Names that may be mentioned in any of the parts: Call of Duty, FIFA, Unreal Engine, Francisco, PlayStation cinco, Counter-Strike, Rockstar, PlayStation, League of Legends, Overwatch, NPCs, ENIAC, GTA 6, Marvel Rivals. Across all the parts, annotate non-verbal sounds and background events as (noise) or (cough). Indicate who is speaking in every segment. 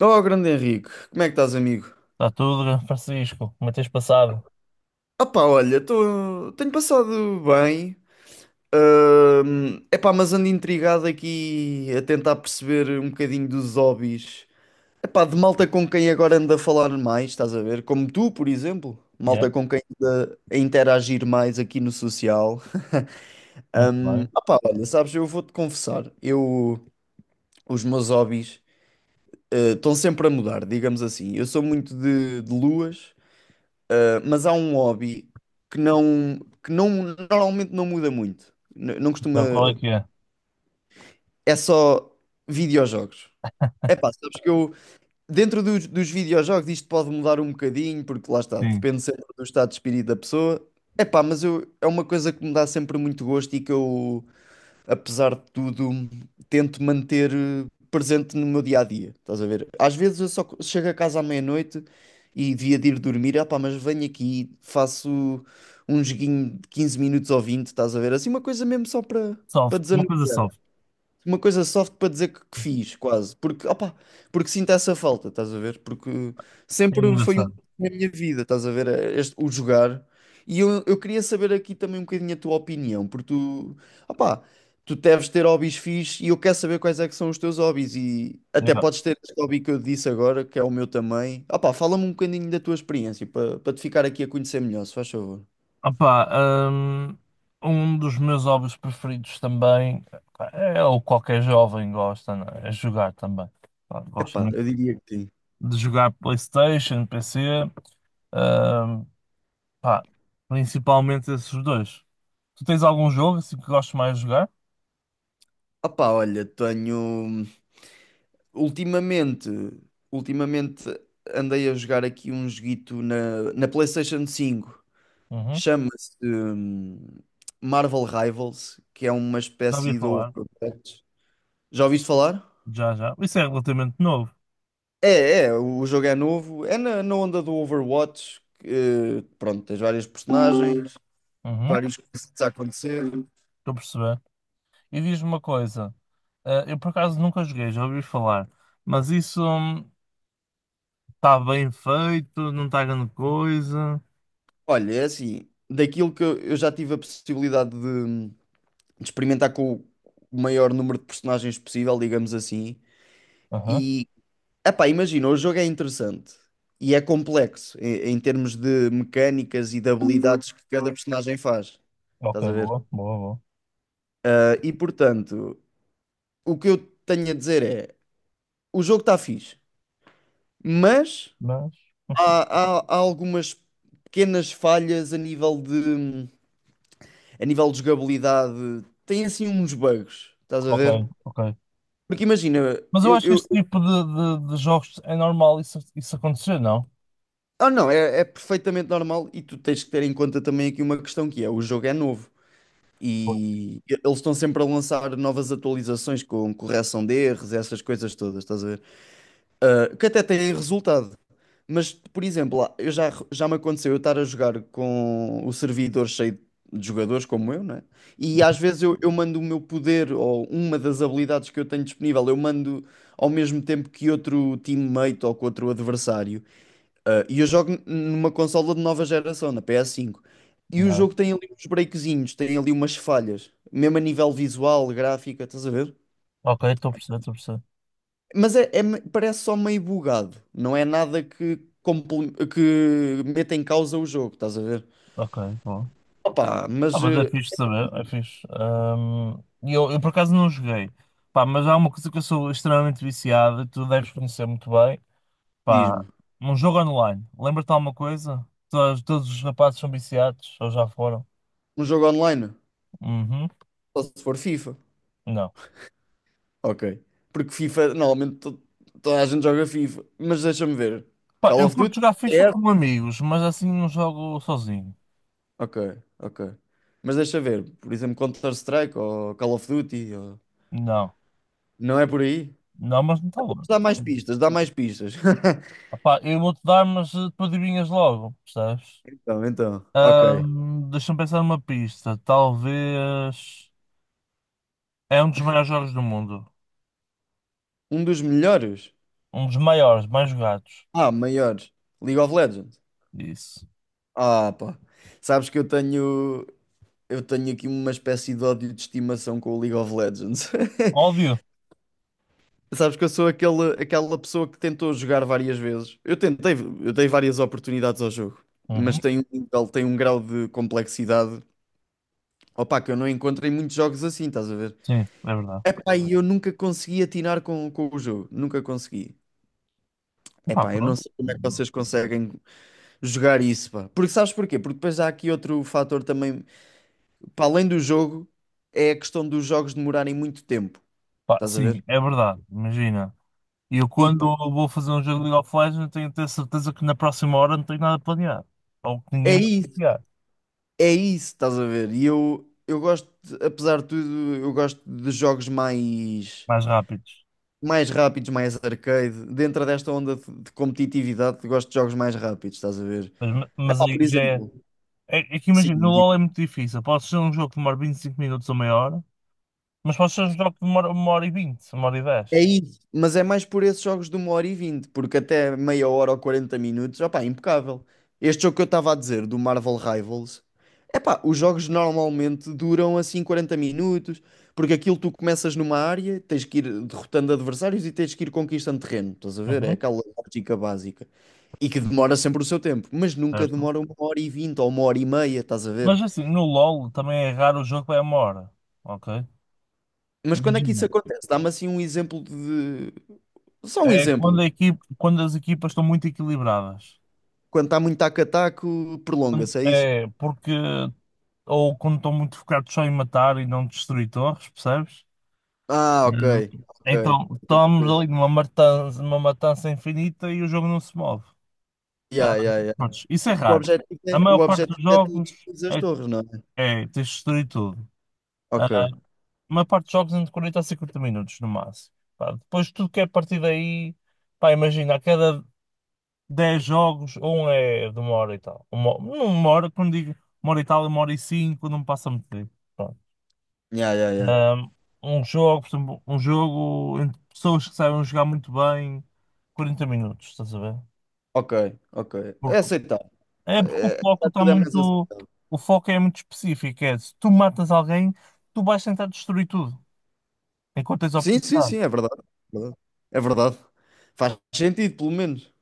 Speaker 1: Oh, grande Henrique, como é que estás, amigo?
Speaker 2: Está tudo, Francisco? Como é que tens passado?
Speaker 1: Ah pá, olha, tenho passado bem. Epá, mas ando intrigado aqui a tentar perceber um bocadinho dos hobbies. Epá, de malta com quem agora ando a falar mais, estás a ver? Como tu, por exemplo.
Speaker 2: Yeah,
Speaker 1: Malta com quem ando a interagir mais aqui no social.
Speaker 2: muito bem.
Speaker 1: Ah pá, olha, sabes, eu vou-te confessar. Eu, os meus hobbies, estão sempre a mudar, digamos assim. Eu sou muito de luas. Mas há um hobby que não, que não, normalmente não muda muito. Não costuma.
Speaker 2: Então, qual é que é?
Speaker 1: É só videojogos. É pá, sabes que eu, dentro dos videojogos, isto pode mudar um bocadinho, porque lá está,
Speaker 2: Sim.
Speaker 1: depende sempre do estado de espírito da pessoa. É pá, mas eu, é uma coisa que me dá sempre muito gosto e que eu, apesar de tudo, tento manter presente no meu dia a dia. Estás a ver? Às vezes eu só chego a casa à meia-noite e devia de ir dormir, ah pá, mas venho aqui, faço um joguinho de 15 minutos ou vinte, estás a ver? Assim, uma coisa mesmo só para
Speaker 2: Soft, uma
Speaker 1: desanuviar,
Speaker 2: coisa soft.
Speaker 1: uma coisa soft para dizer que fiz, quase. Porque, opa, porque sinto essa falta, estás a ver? Porque
Speaker 2: É
Speaker 1: sempre foi um
Speaker 2: engraçado.
Speaker 1: na minha vida, estás a ver? O jogar. E eu queria saber aqui também um bocadinho a tua opinião, porque tu, opa, tu deves ter hobbies fixes e eu quero saber quais é que são os teus hobbies. E até
Speaker 2: Yeah.
Speaker 1: podes ter este hobby que eu disse agora, que é o meu também. Opa, fala-me um bocadinho da tua experiência, para, para te ficar aqui a conhecer melhor, se faz favor.
Speaker 2: Opá, hum, um dos meus hobbies preferidos também pá, é o que qualquer jovem gosta, não é? É jogar também. Pá, gosto
Speaker 1: Epá,
Speaker 2: muito
Speaker 1: eu diria que sim.
Speaker 2: de jogar PlayStation, PC, hum, pá, principalmente esses dois. Tu tens algum jogo assim que gostes mais de jogar?
Speaker 1: Opá, olha, tenho. Ultimamente, ultimamente andei a jogar aqui um joguito na PlayStation 5.
Speaker 2: Uhum.
Speaker 1: Chama-se, Marvel Rivals, que é uma
Speaker 2: Já ouvi
Speaker 1: espécie de
Speaker 2: falar.
Speaker 1: Overwatch. Já ouviste falar?
Speaker 2: Já, já. Isso é relativamente novo.
Speaker 1: O jogo é novo. É na onda do Overwatch, que, pronto, tens vários personagens,
Speaker 2: Uhum.
Speaker 1: vários coisas a acontecer.
Speaker 2: Estou a perceber. E diz-me uma coisa, eu por acaso nunca joguei, já ouvi falar, mas isso está bem feito, não está grande coisa.
Speaker 1: Olha, é assim, daquilo que eu já tive a possibilidade de experimentar com o maior número de personagens possível, digamos assim,
Speaker 2: Aham,
Speaker 1: e epá, imagina, o jogo é interessante e é complexo em termos de mecânicas e de habilidades que cada personagem faz.
Speaker 2: ok,
Speaker 1: Estás a ver?
Speaker 2: boa, boa, boa.
Speaker 1: Ah, e portanto, o que eu tenho a dizer é: o jogo está fixe, mas
Speaker 2: Mas, (laughs)
Speaker 1: há algumas pequenas falhas a nível de jogabilidade. Tem assim uns bugs, estás a
Speaker 2: ok,
Speaker 1: ver?
Speaker 2: ok.
Speaker 1: Porque imagina,
Speaker 2: Mas eu acho que este tipo de jogos é normal isso acontecer, não?
Speaker 1: ah, não, é perfeitamente normal e tu tens que ter em conta também aqui uma questão que é: o jogo é novo.
Speaker 2: Pois.
Speaker 1: E eles estão sempre a lançar novas atualizações com correção de erros, essas coisas todas, estás a ver? Ah, que até têm resultado. Mas, por exemplo, lá, eu já me aconteceu eu estar a jogar com o servidor cheio de jogadores como eu, né? E às vezes eu mando o meu poder ou uma das habilidades que eu tenho disponível, eu mando ao mesmo tempo que outro teammate ou que outro adversário. Ah, e eu jogo numa consola de nova geração, na PS5. E o
Speaker 2: Não é?
Speaker 1: jogo tem ali uns breakzinhos, tem ali umas falhas, mesmo a nível visual, gráfica, estás a ver?
Speaker 2: Ok, estou a perceber, estou a perceber.
Speaker 1: Mas é, parece só meio bugado, não é nada que, que meta em causa o jogo, estás a ver?
Speaker 2: Ok, boa.
Speaker 1: Opa,
Speaker 2: Ah,
Speaker 1: mas
Speaker 2: mas é fixe saber, é fixe. E eu por acaso não joguei, pá, mas há uma coisa que eu sou extremamente viciado e tu deves conhecer muito bem. Pá,
Speaker 1: diz-me,
Speaker 2: um jogo online. Lembra-te de alguma coisa? Todos os rapazes são viciados, ou já foram?
Speaker 1: um jogo online?
Speaker 2: Uhum.
Speaker 1: Só se for FIFA.
Speaker 2: Não.
Speaker 1: Ok. Porque FIFA, normalmente toda a gente joga FIFA, mas deixa-me ver.
Speaker 2: Pá,
Speaker 1: Call
Speaker 2: eu
Speaker 1: of
Speaker 2: curto
Speaker 1: Duty?
Speaker 2: jogar FIFA com amigos, mas assim não jogo sozinho.
Speaker 1: Ok, ok. Mas deixa ver, por exemplo, Counter-Strike ou Call of Duty, ou-
Speaker 2: Não.
Speaker 1: não é por aí?
Speaker 2: Não, mas não está longe.
Speaker 1: Dá mais pistas, dá mais pistas. (laughs)
Speaker 2: Ah pá, eu vou-te dar, mas tu adivinhas logo, percebes?
Speaker 1: Ok.
Speaker 2: Deixa-me pensar numa pista. Talvez. É um dos maiores jogos do mundo.
Speaker 1: Um dos melhores?
Speaker 2: Um dos maiores, mais jogados.
Speaker 1: Ah, maiores. League of Legends.
Speaker 2: Isso.
Speaker 1: Ah, pá. Sabes que eu tenho aqui uma espécie de ódio de estimação com o League of Legends. (laughs)
Speaker 2: Óbvio.
Speaker 1: Sabes que eu sou aquele, aquela pessoa que tentou jogar várias vezes. Eu tentei, eu dei várias oportunidades ao jogo, mas
Speaker 2: Uhum.
Speaker 1: tem um nível, tem um grau de complexidade. Opa, que eu não encontrei muitos jogos assim, estás a ver?
Speaker 2: Sim, é verdade.
Speaker 1: Epá, e eu nunca consegui atinar com o jogo. Nunca consegui.
Speaker 2: Pá,
Speaker 1: Epá, eu não
Speaker 2: pronto.
Speaker 1: sei como é que vocês conseguem jogar isso, pá. Porque sabes porquê? Porque depois há aqui outro fator também, para além do jogo, é a questão dos jogos demorarem muito tempo,
Speaker 2: Pá,
Speaker 1: estás a ver?
Speaker 2: sim, é verdade, imagina. Eu
Speaker 1: E
Speaker 2: quando
Speaker 1: pá,
Speaker 2: vou fazer um jogo de League of Legends tenho de ter certeza que na próxima hora não tenho nada planeado. Ou que ninguém
Speaker 1: é
Speaker 2: me
Speaker 1: isso,
Speaker 2: copiar.
Speaker 1: é isso, estás a ver? E eu gosto, apesar de tudo, eu gosto de jogos mais,
Speaker 2: Mais rápidos.
Speaker 1: mais rápidos, mais arcade. Dentro desta onda de competitividade, gosto de jogos mais rápidos, estás a ver?
Speaker 2: Mas
Speaker 1: Pá,
Speaker 2: aí
Speaker 1: por
Speaker 2: já é,
Speaker 1: exemplo,
Speaker 2: é. é que imagina, no
Speaker 1: sim,
Speaker 2: LoL é muito difícil. Pode ser um jogo que demora 25 minutos ou meia hora, mas pode ser um jogo que demora uma hora e vinte, uma hora e
Speaker 1: é
Speaker 2: dez.
Speaker 1: isso, mas é mais por esses jogos de uma hora e vinte, porque até meia hora ou 40 minutos, opá, é impecável. Este jogo que eu estava a dizer, do Marvel Rivals, é pá, os jogos normalmente duram assim 40 minutos, porque aquilo tu começas numa área, tens que ir derrotando adversários e tens que ir conquistando terreno, estás a ver? É
Speaker 2: Uhum,
Speaker 1: aquela lógica básica. E que demora sempre o seu tempo, mas nunca
Speaker 2: certo.
Speaker 1: demora uma hora e vinte ou uma hora e meia, estás a
Speaker 2: Mas
Speaker 1: ver?
Speaker 2: assim, no LoL também é raro o jogo que é uma hora. Ok?
Speaker 1: Mas quando é que isso
Speaker 2: Imagina.
Speaker 1: acontece? Dá-me assim um exemplo de. Só um
Speaker 2: É quando,
Speaker 1: exemplo.
Speaker 2: a equipe, quando as equipas estão muito equilibradas.
Speaker 1: Quando está muito taco-taco, prolonga-se, é isso?
Speaker 2: É, porque ou quando estão muito focados só em matar e não destruir torres, percebes?
Speaker 1: Ah, ok,
Speaker 2: Não.
Speaker 1: ok.
Speaker 2: Então,
Speaker 1: Estou a
Speaker 2: estamos
Speaker 1: perceber.
Speaker 2: ali numa matança infinita e o jogo não se move. Ah,
Speaker 1: Yeah, yeah, yeah.
Speaker 2: prontos, isso é raro. A maior
Speaker 1: O
Speaker 2: parte
Speaker 1: objetivo
Speaker 2: dos
Speaker 1: é tu
Speaker 2: jogos
Speaker 1: destruir as
Speaker 2: é,
Speaker 1: torres, não é?
Speaker 2: é tens de destruir tudo. Ah, a
Speaker 1: Ok.
Speaker 2: maior parte dos jogos é entre 40 a 50 minutos no máximo. Pá, depois tudo que é a partir daí, pá, imagina, a cada 10 jogos, um é de uma hora e tal. Uma, não uma hora, quando digo uma hora e tal, é uma hora e cinco, não passa muito tempo.
Speaker 1: Yeah, yeah, yeah.
Speaker 2: Um, um jogo, por exemplo, um jogo entre pessoas que sabem jogar muito bem, 40 minutos, estás a ver?
Speaker 1: Ok, ok. É
Speaker 2: Porque,
Speaker 1: aceitável.
Speaker 2: é porque o foco está
Speaker 1: Tudo é mais
Speaker 2: muito.
Speaker 1: aceitável.
Speaker 2: O foco é muito específico. É, se tu matas alguém, tu vais tentar destruir tudo, enquanto tens a
Speaker 1: Sim, sim, sim,
Speaker 2: oportunidade.
Speaker 1: é verdade. É verdade. É verdade. Faz sentido, pelo menos.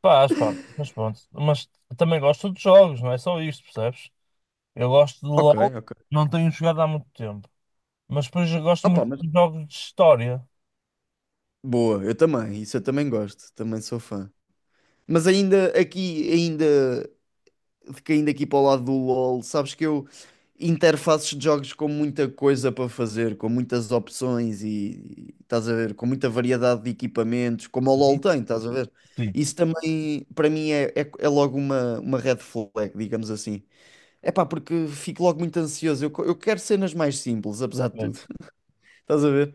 Speaker 2: Pá, pá, mas pronto. Mas também gosto de jogos, não é só isto, percebes? Eu gosto de
Speaker 1: Ok,
Speaker 2: LOL,
Speaker 1: ok.
Speaker 2: não tenho jogado há muito tempo. Mas depois eu gosto
Speaker 1: Opa,
Speaker 2: muito
Speaker 1: mas
Speaker 2: de jogos de história.
Speaker 1: boa, eu também, isso eu também gosto, também sou fã. Mas ainda aqui, ainda caindo aqui para o lado do LOL, sabes que eu interfaces de jogos com muita coisa para fazer, com muitas opções e estás a ver, com muita variedade de equipamentos, como o LOL
Speaker 2: Uhum.
Speaker 1: tem, estás a ver?
Speaker 2: Sim,
Speaker 1: Isso também, para mim, é logo uma red flag, digamos assim. É pá, porque fico logo muito ansioso. Eu, eu quero cenas mais simples, apesar de
Speaker 2: é.
Speaker 1: tudo. (laughs) Estás a ver?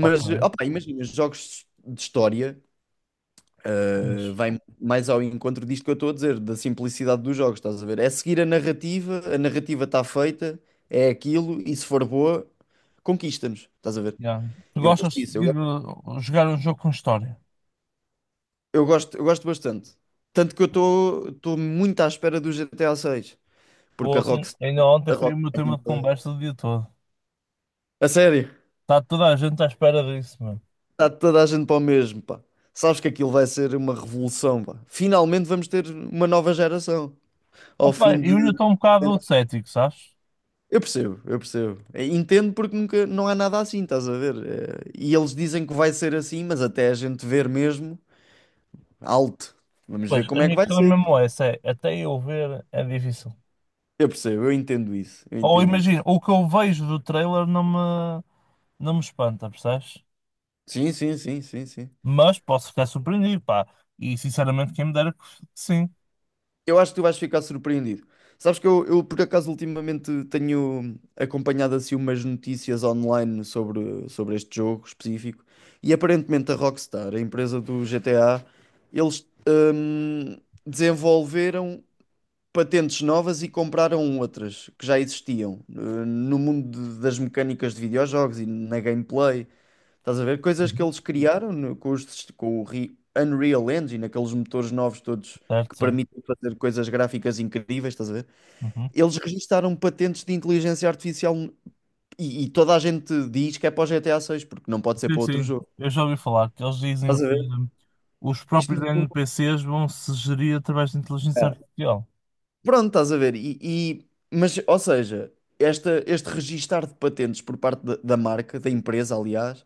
Speaker 2: Ok.
Speaker 1: opá, imagina, jogos de história.
Speaker 2: Fixe.
Speaker 1: Vai mais ao encontro disto que eu estou a dizer, da simplicidade dos jogos, estás a ver? É seguir a narrativa está feita, é aquilo, e se for boa, conquista-nos, estás a ver?
Speaker 2: Yeah. Tu
Speaker 1: Eu gosto
Speaker 2: gostas de
Speaker 1: disso,
Speaker 2: seguir, jogar um jogo com história?
Speaker 1: eu gosto bastante. Tanto que eu estou muito à espera do GTA 6,
Speaker 2: Ou
Speaker 1: porque a
Speaker 2: assim,
Speaker 1: Rockstar,
Speaker 2: ainda ontem
Speaker 1: a
Speaker 2: foi o meu
Speaker 1: Rockstar,
Speaker 2: tema de conversa o dia todo.
Speaker 1: a sério,
Speaker 2: Está toda a gente à espera disso, mano.
Speaker 1: está toda a gente para o mesmo, pá. Sabes que aquilo vai ser uma revolução, pá. Finalmente vamos ter uma nova geração, ao
Speaker 2: Opa,
Speaker 1: fim de.
Speaker 2: eu ainda estou um bocado cético, sabes?
Speaker 1: Eu percebo, eu percebo. Entendo porque nunca não há nada assim, estás a ver? E eles dizem que vai ser assim, mas até a gente ver mesmo, alto. Vamos ver
Speaker 2: Pois, a
Speaker 1: como é que
Speaker 2: minha
Speaker 1: vai
Speaker 2: questão é
Speaker 1: ser.
Speaker 2: mesmo é essa, é até eu ver é difícil.
Speaker 1: Eu percebo, eu entendo isso, eu
Speaker 2: Ou
Speaker 1: entendo isso.
Speaker 2: imagina, o que eu vejo do trailer não me espanta, percebes?
Speaker 1: Sim, sim, sim, sim, sim.
Speaker 2: Mas posso ficar surpreendido, pá. E sinceramente, quem me dera que sim.
Speaker 1: Eu acho que tu vais ficar surpreendido. Sabes que por acaso ultimamente tenho acompanhado assim umas notícias online sobre este jogo específico e aparentemente a Rockstar, a empresa do GTA, eles desenvolveram patentes novas e compraram outras que já existiam no mundo das mecânicas de videojogos e na gameplay. Estás a ver? Coisas que
Speaker 2: Uhum.
Speaker 1: eles criaram com, os com o Unreal Engine, aqueles motores novos todos
Speaker 2: Certo,
Speaker 1: que
Speaker 2: certo.
Speaker 1: permitem fazer coisas gráficas incríveis, estás a ver?
Speaker 2: Uhum.
Speaker 1: Eles registaram patentes de inteligência artificial e toda a gente diz que é para o GTA 6, porque não pode ser
Speaker 2: Sim,
Speaker 1: para outro
Speaker 2: sim,
Speaker 1: jogo.
Speaker 2: eu já ouvi falar que eles dizem
Speaker 1: Estás a
Speaker 2: que
Speaker 1: ver?
Speaker 2: os
Speaker 1: Isto
Speaker 2: próprios
Speaker 1: no fundo.
Speaker 2: NPCs vão se gerir através de inteligência
Speaker 1: É.
Speaker 2: artificial.
Speaker 1: Pronto, estás a ver. Mas, ou seja, esta, este registar de patentes por parte da, da marca, da empresa, aliás,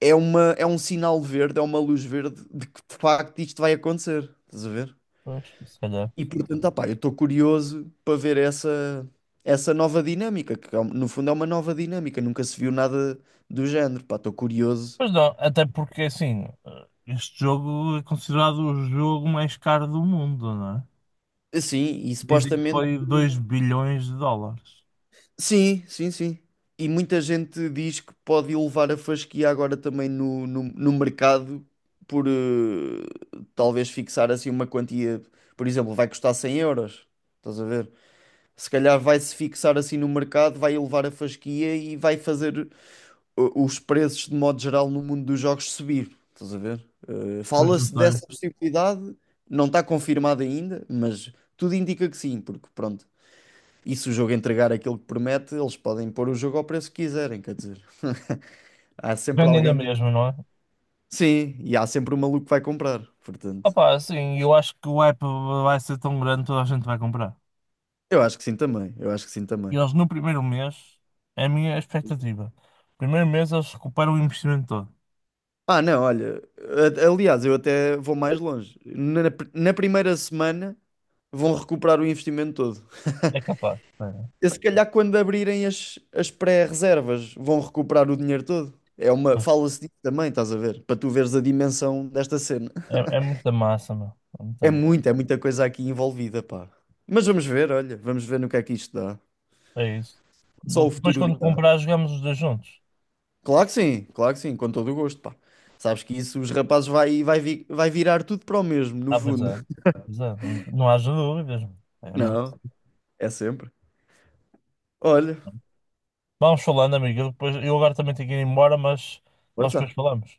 Speaker 1: é uma, é um sinal verde, é uma luz verde de que de facto isto vai acontecer. Estás a ver?
Speaker 2: Pois, se calhar.
Speaker 1: E portanto, opá, eu estou curioso para ver essa, essa nova dinâmica, que é no fundo é uma nova dinâmica, nunca se viu nada do género. Pá, estou curioso.
Speaker 2: Pois não, até porque assim, este jogo é considerado o jogo mais caro do mundo, não é?
Speaker 1: Assim, e
Speaker 2: Dizem que
Speaker 1: supostamente.
Speaker 2: foi 2 bilhões de dólares.
Speaker 1: Sim, sim, sim. E muita gente diz que pode elevar a fasquia agora também no mercado por talvez fixar assim uma quantia, por exemplo, vai custar 100 euros. Estás a ver? Se calhar vai-se fixar assim no mercado, vai elevar a fasquia e vai fazer os preços de modo geral no mundo dos jogos subir. Estás a ver?
Speaker 2: Pois não
Speaker 1: Fala-se
Speaker 2: sei.
Speaker 1: dessa possibilidade, não está confirmada ainda, mas tudo indica que sim, porque pronto. E se o jogo entregar aquilo que promete, eles podem pôr o jogo ao preço que quiserem, quer dizer. (laughs) Há sempre
Speaker 2: Vende ainda
Speaker 1: alguém.
Speaker 2: mesmo, não é?
Speaker 1: Sim, e há sempre um maluco que vai comprar, portanto.
Speaker 2: Opá, assim, eu acho que o hype vai ser tão grande, que toda a gente vai comprar.
Speaker 1: Eu acho que sim também, eu acho que sim
Speaker 2: E
Speaker 1: também.
Speaker 2: eles no primeiro mês, é a minha expectativa. Primeiro mês eles recuperam o investimento todo.
Speaker 1: Ah, não, olha, aliás, eu até vou mais longe. Na, na primeira semana vão recuperar o investimento todo.
Speaker 2: É capaz, espera.
Speaker 1: E se calhar quando abrirem as pré-reservas vão recuperar o dinheiro todo. É uma,
Speaker 2: Pois,
Speaker 1: fala-se disso também, estás a ver? Para tu veres a dimensão desta cena.
Speaker 2: é muita massa, meu. É muita massa.
Speaker 1: É muita coisa aqui envolvida, pá. Mas vamos ver, olha, vamos ver no que é que isto dá.
Speaker 2: É isso.
Speaker 1: Só o
Speaker 2: Depois,
Speaker 1: futuro
Speaker 2: quando
Speaker 1: dirá.
Speaker 2: comprar, jogamos os dois juntos.
Speaker 1: Claro que sim, com todo o gosto, pá. Sabes que isso os rapazes vai, vai virar tudo para o mesmo, no
Speaker 2: Ah, pois
Speaker 1: fundo.
Speaker 2: é.
Speaker 1: (laughs)
Speaker 2: Pois é. Não haja dúvidas, meu. É mesmo.
Speaker 1: Não, é sempre. Olha,
Speaker 2: Vamos falando, amigo. Eu, depois, eu agora também tenho que ir embora, mas nós depois
Speaker 1: força.
Speaker 2: falamos.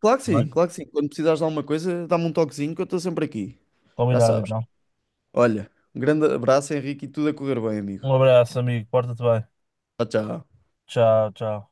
Speaker 1: Claro que
Speaker 2: Tá
Speaker 1: sim,
Speaker 2: bem?
Speaker 1: claro que sim. Quando precisares de alguma coisa, dá-me um toquezinho que eu estou sempre aqui. Já
Speaker 2: Combinado,
Speaker 1: sabes.
Speaker 2: então.
Speaker 1: Olha, um grande abraço, Henrique, e tudo a correr bem, amigo.
Speaker 2: Um abraço, amigo. Porta-te bem.
Speaker 1: Tchau, tchau.
Speaker 2: Tchau, tchau.